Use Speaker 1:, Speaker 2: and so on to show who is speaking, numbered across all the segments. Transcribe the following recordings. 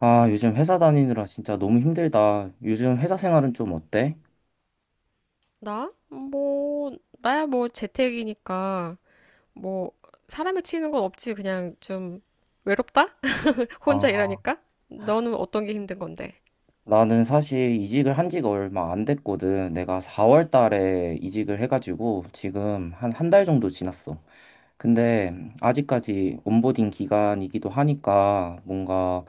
Speaker 1: 아, 요즘 회사 다니느라 진짜 너무 힘들다. 요즘 회사 생활은 좀 어때?
Speaker 2: 나? 뭐, 나야 뭐 재택이니까, 뭐, 사람에 치이는 건 없지. 그냥 좀 외롭다? 혼자
Speaker 1: 아,
Speaker 2: 일하니까? 너는 어떤 게 힘든 건데?
Speaker 1: 나는 사실 이직을 한 지가 얼마 안 됐거든. 내가 4월 달에 이직을 해가지고 지금 한 한 달 정도 지났어. 근데 아직까지 온보딩 기간이기도 하니까 뭔가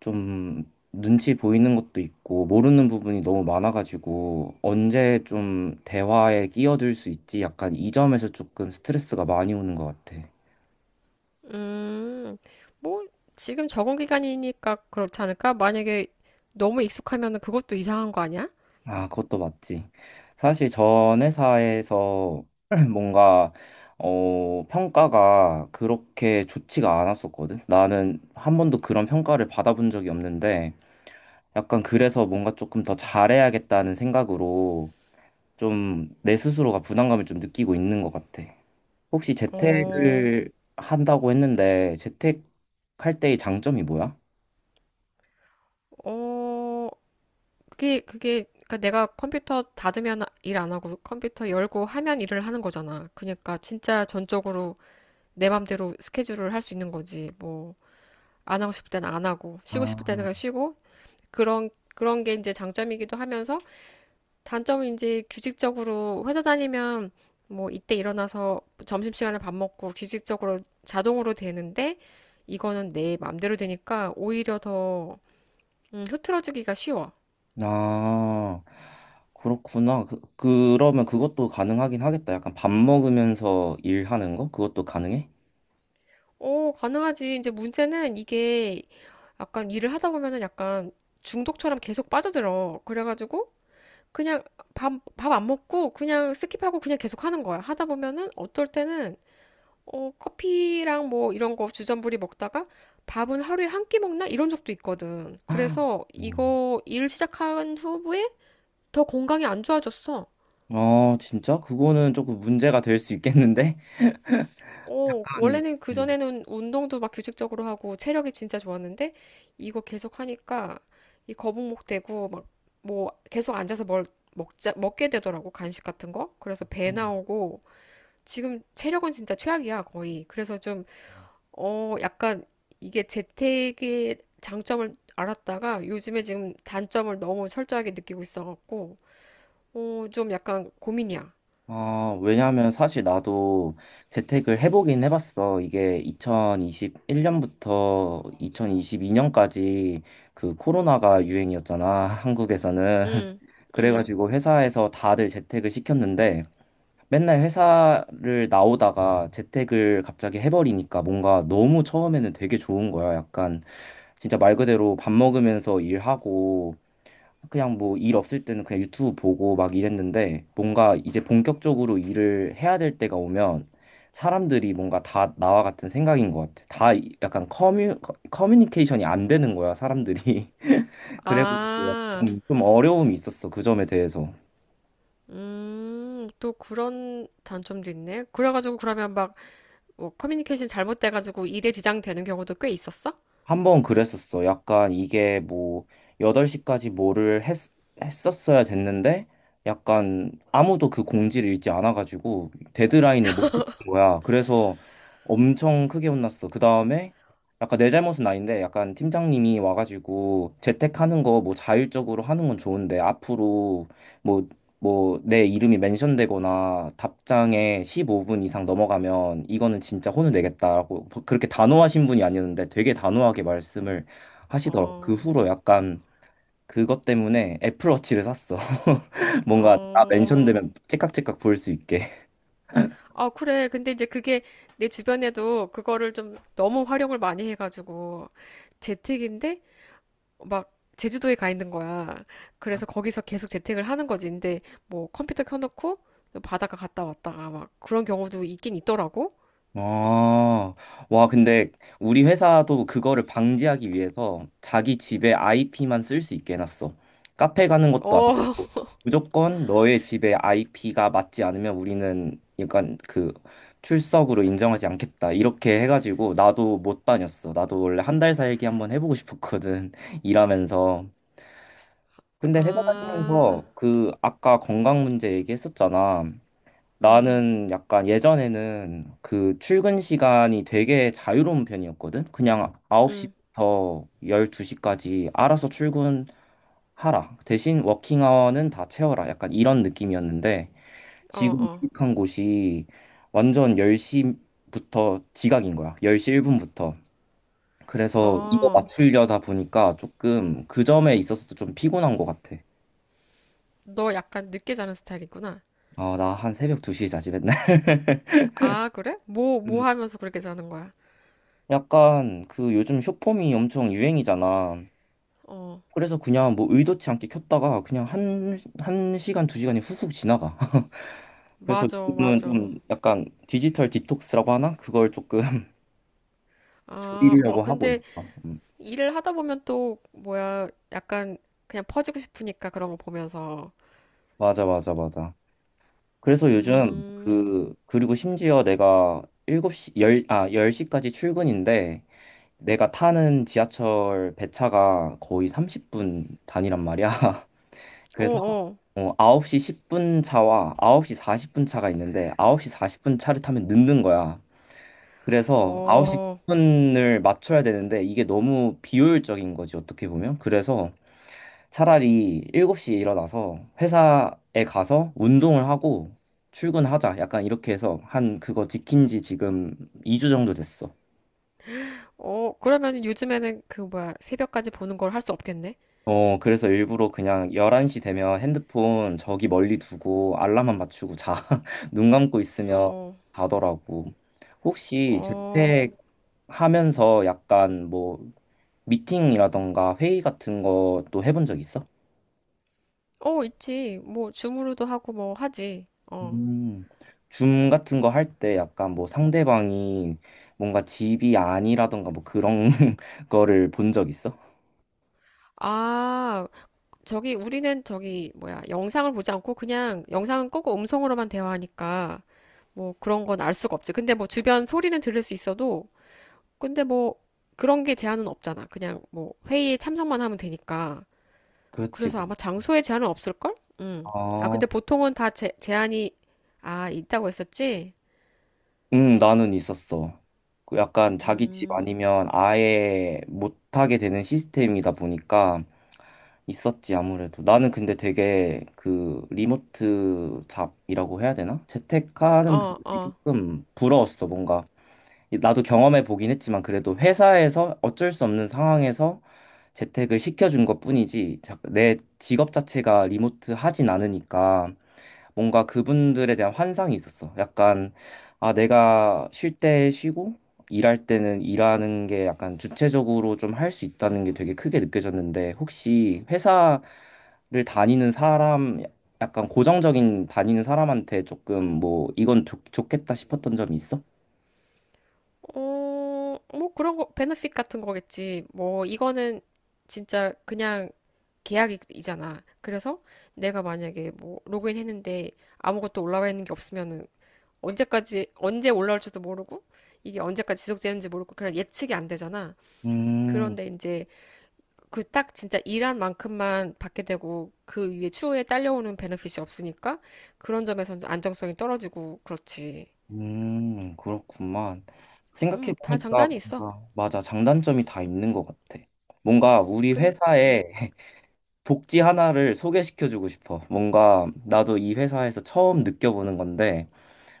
Speaker 1: 좀 눈치 보이는 것도 있고 모르는 부분이 너무 많아가지고 언제 좀 대화에 끼어들 수 있지? 약간 이 점에서 조금 스트레스가 많이 오는 것 같아.
Speaker 2: 음, 뭐, 지금 적응 기간이니까 그렇지 않을까? 만약에 너무 익숙하면 그것도 이상한 거 아니야?
Speaker 1: 아, 그것도 맞지. 사실 전 회사에서 뭔가 평가가 그렇게 좋지가 않았었거든. 나는 한 번도 그런 평가를 받아본 적이 없는데 약간 그래서 뭔가 조금 더 잘해야겠다는 생각으로 좀 내 스스로가 부담감을 좀 느끼고 있는 것 같아. 혹시
Speaker 2: 어,
Speaker 1: 재택을 한다고 했는데 재택할 때의 장점이 뭐야?
Speaker 2: 어, 그게, 그러니까 내가 컴퓨터 닫으면 일 안 하고 컴퓨터 열고 하면 일을 하는 거잖아. 그러니까 진짜 전적으로 내 맘대로 스케줄을 할 수 있는 거지. 뭐, 안 하고 싶을 때는 안 하고, 쉬고 싶을 때는 그냥 쉬고, 그런, 그런 게 이제 장점이기도 하면서, 단점은 이제 규칙적으로 회사 다니면, 뭐, 이때 일어나서 점심시간에 밥 먹고 규칙적으로 자동으로 되는데, 이거는 내 맘대로 되니까 오히려 더, 흐트러지기가 쉬워.
Speaker 1: 아, 그렇구나. 그러면 그것도 가능하긴 하겠다. 약간 밥 먹으면서 일하는 거? 그것도 가능해?
Speaker 2: 오, 가능하지. 이제 문제는 이게 약간 일을 하다 보면은 약간 중독처럼 계속 빠져들어. 그래가지고, 그냥 밥, 밥 안 먹고 그냥 스킵하고 그냥 계속 하는 거야. 하다 보면은 어떨 때는 어, 커피랑 뭐 이런 거 주전부리 먹다가 밥은 하루에 한 끼 먹나? 이런 적도 있거든.
Speaker 1: 아,
Speaker 2: 그래서
Speaker 1: 음.
Speaker 2: 이거 일 시작한 후에 더 건강이 안 좋아졌어.
Speaker 1: 아, 진짜? 그거는 조금 문제가 될 수 있겠는데?
Speaker 2: 어,
Speaker 1: 한,
Speaker 2: 원래는
Speaker 1: 음.
Speaker 2: 그전에는 운동도 막 규칙적으로 하고 체력이 진짜 좋았는데 이거 계속 하니까 이 거북목 되고 막 뭐 계속 앉아서 뭘 먹자, 먹게 되더라고. 간식 같은 거. 그래서 배 나오고 지금 체력은 진짜 최악이야, 거의. 그래서 좀, 어, 약간 이게 재택의 장점을 알았다가 요즘에 지금 단점을 너무 철저하게 느끼고 있어갖고, 어, 좀 약간 고민이야.
Speaker 1: 아, 왜냐면 사실 나도 재택을 해보긴 해봤어. 이게 2021년부터 2022년까지 그 코로나가 유행이었잖아. 한국에서는.
Speaker 2: 응, 응.
Speaker 1: 그래가지고 회사에서 다들 재택을 시켰는데, 맨날 회사를 나오다가 재택을 갑자기 해버리니까 뭔가 너무 처음에는 되게 좋은 거야. 약간 진짜 말 그대로 밥 먹으면서 일하고 그냥 뭐 일 없을 때는 그냥 유튜브 보고 막 이랬는데 뭔가 이제 본격적으로 일을 해야 될 때가 오면 사람들이 뭔가 다 나와 같은 생각인 것 같아. 다 약간 커뮤니케이션이 안 되는 거야, 사람들이. 그래가지고
Speaker 2: 아,
Speaker 1: 약간 좀 어려움이 있었어, 그 점에 대해서.
Speaker 2: 또 그런 단점도 있네. 그래가지고 그러면 막, 뭐 커뮤니케이션 잘못돼가지고 일에 지장되는 경우도 꽤 있었어?
Speaker 1: 한 번 그랬었어. 약간 이게 뭐 8시까지 뭐를 했었어야 됐는데 약간 아무도 그 공지를 읽지 않아가지고 데드라인을 못은 거야. 그래서 엄청 크게 혼났어. 그 다음에 약간 내 잘못은 아닌데 약간 팀장님이 와가지고 재택하는 거 뭐 자율적으로 하는 건 좋은데 앞으로 뭐 뭐 내 이름이 멘션되거나 답장에 15분 이상 넘어가면 이거는 진짜 혼을 내겠다라고 그렇게 단호하신 분이 아니었는데 되게 단호하게 말씀을 하시더라고. 그
Speaker 2: 어,
Speaker 1: 후로 약간 그것 때문에 애플워치를 샀어. 뭔가 다
Speaker 2: 어.
Speaker 1: 멘션되면 째깍째깍 보일 수 있게.
Speaker 2: 아, 그래. 근데 이제 그게 내 주변에도 그거를 좀 너무 활용을 많이 해가지고 재택인데 막 제주도에 가 있는 거야. 그래서 거기서 계속 재택을 하는 거지. 근데 뭐 컴퓨터 켜놓고 바닷가 갔다 왔다가 막 그런 경우도 있긴 있더라고.
Speaker 1: 아, 와, 근데 우리 회사도 그거를 방지하기 위해서 자기 집에 IP만 쓸 수 있게 해놨어. 카페 가는 것도 안
Speaker 2: 어,
Speaker 1: 되고, 무조건 너의 집에 IP가 맞지 않으면 우리는 약간 그 출석으로 인정하지 않겠다. 이렇게 해가지고 나도 못 다녔어. 나도 원래 한 달 살기 한번 해보고 싶었거든. 일하면서. 근데 회사
Speaker 2: 아,
Speaker 1: 다니면서 그 아까 건강 문제 얘기했었잖아.
Speaker 2: 응
Speaker 1: 나는 약간 예전에는 그 출근 시간이 되게 자유로운 편이었거든. 그냥
Speaker 2: 응
Speaker 1: 9시부터 12시까지 알아서 출근하라. 대신 워킹 아워는 다 채워라. 약간 이런 느낌이었는데
Speaker 2: 어,
Speaker 1: 지금
Speaker 2: 어,
Speaker 1: 이직한 곳이 완전 10시부터 지각인 거야. 10시 1분부터. 그래서 이거
Speaker 2: 어.
Speaker 1: 맞추려다 보니까 조금 그 점에 있어서도 좀 피곤한 것 같아.
Speaker 2: 너 약간 늦게 자는 스타일이구나.
Speaker 1: 아, 나 한 새벽 2시에 자지 맨날.
Speaker 2: 아, 그래? 뭐, 뭐 하면서 그렇게 자는 거야?
Speaker 1: 약간 그 요즘 쇼폼이 엄청 유행이잖아.
Speaker 2: 어,
Speaker 1: 그래서 그냥 뭐 의도치 않게 켰다가 그냥 한, 한 시간, 두 시간이 훅훅 지나가. 그래서
Speaker 2: 맞아,
Speaker 1: 요즘은
Speaker 2: 맞아.
Speaker 1: 좀 약간 디지털 디톡스라고 하나? 그걸 조금
Speaker 2: 아, 어,
Speaker 1: 줄이려고 하고
Speaker 2: 근데
Speaker 1: 있어. 음.
Speaker 2: 일을 하다 보면 또 뭐야 약간 그냥 퍼지고 싶으니까 그런 거 보면서
Speaker 1: 맞아, 맞아, 맞아. 그래서 요즘
Speaker 2: 음,
Speaker 1: 그리고 심지어 내가 일곱 시 10, 아, 열 시까지 출근인데 내가 타는 지하철 배차가 거의 30분 단위란 말이야.
Speaker 2: 어,
Speaker 1: 그래서
Speaker 2: 어,
Speaker 1: 9시 10분 차와 9시 40분 차가 있는데 9시 40분 차를 타면 늦는 거야. 그래서 9시
Speaker 2: 어,
Speaker 1: 10분을 맞춰야 되는데 이게 너무 비효율적인 거지, 어떻게 보면. 그래서 차라리 7시에 일어나서 회사에 가서 운동을 하고 출근하자. 약간 이렇게 해서 한 그거 지킨 지 지금 2주 정도 됐어.
Speaker 2: 어, 그러면 요즘에는 그 뭐야 새벽까지 보는 걸 할 수 없겠네?
Speaker 1: 그래서 일부러 그냥 11시 되면 핸드폰 저기 멀리 두고 알람만 맞추고 자. 눈 감고 있으면
Speaker 2: 어,
Speaker 1: 자더라고. 혹시
Speaker 2: 어,
Speaker 1: 재택 하면서 약간 뭐 미팅이라던가 회의 같은 것도 해본 적 있어?
Speaker 2: 어, 있지. 뭐 줌으로도 하고 뭐 하지. 어.
Speaker 1: 음, 줌 같은 거 할 때 약간 뭐 상대방이 뭔가 집이 아니라던가 뭐 그런 거를 본 적 있어?
Speaker 2: 아, 저기 우리는 저기 뭐야 영상을 보지 않고 그냥 영상은 끄고 음성으로만 대화하니까 뭐 그런 건 알 수가 없지. 근데 뭐 주변 소리는 들을 수 있어도 근데 뭐 그런 게 제한은 없잖아. 그냥 뭐 회의에 참석만 하면 되니까.
Speaker 1: 그렇지.
Speaker 2: 그래서 아마 장소에 제한은 없을걸? 음. 아,
Speaker 1: 아,
Speaker 2: 근데 보통은 다 제한이 아, 있다고 했었지?
Speaker 1: 나는 있었어. 그 약간 자기 집 아니면 아예 못하게 되는 시스템이다 보니까 있었지, 아무래도. 나는 근데 되게 그 리모트 잡이라고 해야 되나? 재택하는
Speaker 2: 어,
Speaker 1: 분들이
Speaker 2: 어.
Speaker 1: 조금 부러웠어, 뭔가. 나도 경험해 보긴 했지만 그래도 회사에서 어쩔 수 없는 상황에서 재택을 시켜준 것뿐이지 내 직업 자체가 리모트 하진 않으니까 뭔가 그분들에 대한 환상이 있었어. 약간, 아, 내가 쉴 때 쉬고, 일할 때는 일하는 게 약간 주체적으로 좀 할 수 있다는 게 되게 크게 느껴졌는데, 혹시 회사를 다니는 사람, 약간 고정적인 다니는 사람한테 조금 뭐, 이건 좋겠다 싶었던 점이 있어?
Speaker 2: 어, 뭐 그런 거 베네핏 같은 거겠지. 뭐 이거는 진짜 그냥 계약이잖아. 그래서 내가 만약에 뭐 로그인 했는데 아무것도 올라와 있는 게 없으면은 언제까지 언제 올라올지도 모르고 이게 언제까지 지속되는지 모르고 그냥 예측이 안 되잖아.
Speaker 1: 음,
Speaker 2: 그런데 이제 그 딱 진짜 일한 만큼만 받게 되고 그 위에 추후에 딸려오는 베네핏이 없으니까 그런 점에서 안정성이 떨어지고 그렇지.
Speaker 1: 그렇구만.
Speaker 2: 다
Speaker 1: 생각해보니까
Speaker 2: 장단이 있어.
Speaker 1: 뭔가, 맞아, 장단점이 다 있는 것 같아. 뭔가 우리
Speaker 2: 근, 음,
Speaker 1: 회사에 복지 하나를 소개시켜주고 싶어. 뭔가 나도 이 회사에서 처음 느껴보는 건데,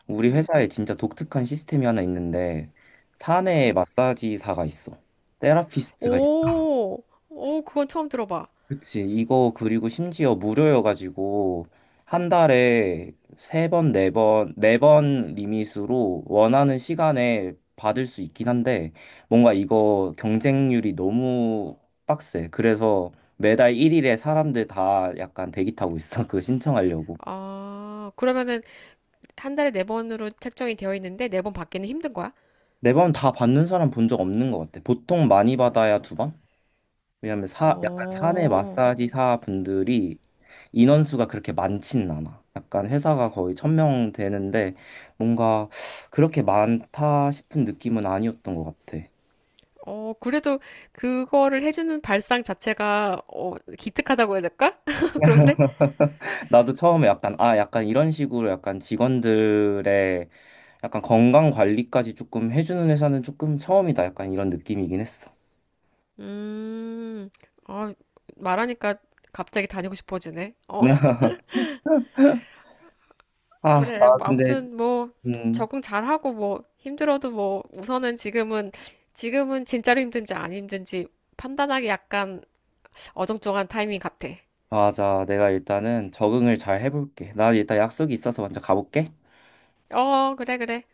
Speaker 1: 우리
Speaker 2: 음,
Speaker 1: 회사에 진짜 독특한 시스템이 하나 있는데, 사내
Speaker 2: 어.
Speaker 1: 마사지사가 있어. 테라피스트가
Speaker 2: 오, 오, 그건 처음 들어봐.
Speaker 1: 그치. 이거 그리고 심지어 무료여가지고 한 달에 3번, 4번 리밋으로 원하는 시간에 받을 수 있긴 한데 뭔가 이거 경쟁률이 너무 빡세. 그래서 매달 1일에 사람들 다 약간 대기 타고 있어. 그거 신청하려고.
Speaker 2: 아, 그러면은 한 달에 네 번으로 책정이 되어 있는데 네 번 받기는 힘든 거야?
Speaker 1: 4번 다 받는 사람 본 적 없는 것 같아. 보통 많이 받아야 2번? 왜냐면 약간 사내
Speaker 2: 어,
Speaker 1: 마사지사 분들이 인원수가 그렇게 많진 않아. 약간 회사가 거의 1,000명 되는데 뭔가 그렇게 많다 싶은 느낌은 아니었던 것 같아.
Speaker 2: 어, 그래도 그거를 해주는 발상 자체가 어, 기특하다고 해야 될까? 그런데?
Speaker 1: 나도 처음에 약간 아 약간 이런 식으로 약간 직원들의 약간 건강 관리까지 조금 해주는 회사는 조금 처음이다. 약간 이런 느낌이긴 했어.
Speaker 2: 음, 아, 말하니까 갑자기 다니고 싶어지네. 어,
Speaker 1: 아,
Speaker 2: 그래.
Speaker 1: 나
Speaker 2: 뭐
Speaker 1: 근데
Speaker 2: 아무튼 뭐
Speaker 1: 음
Speaker 2: 적응 잘하고 뭐 힘들어도 뭐 우선은 지금은 진짜로 힘든지 안 힘든지 판단하기 약간 어정쩡한 타이밍 같아.
Speaker 1: 맞아. 내가 일단은 적응을 잘 해볼게. 나 일단 약속이 있어서 먼저 가볼게.
Speaker 2: 어, 그래, 그래.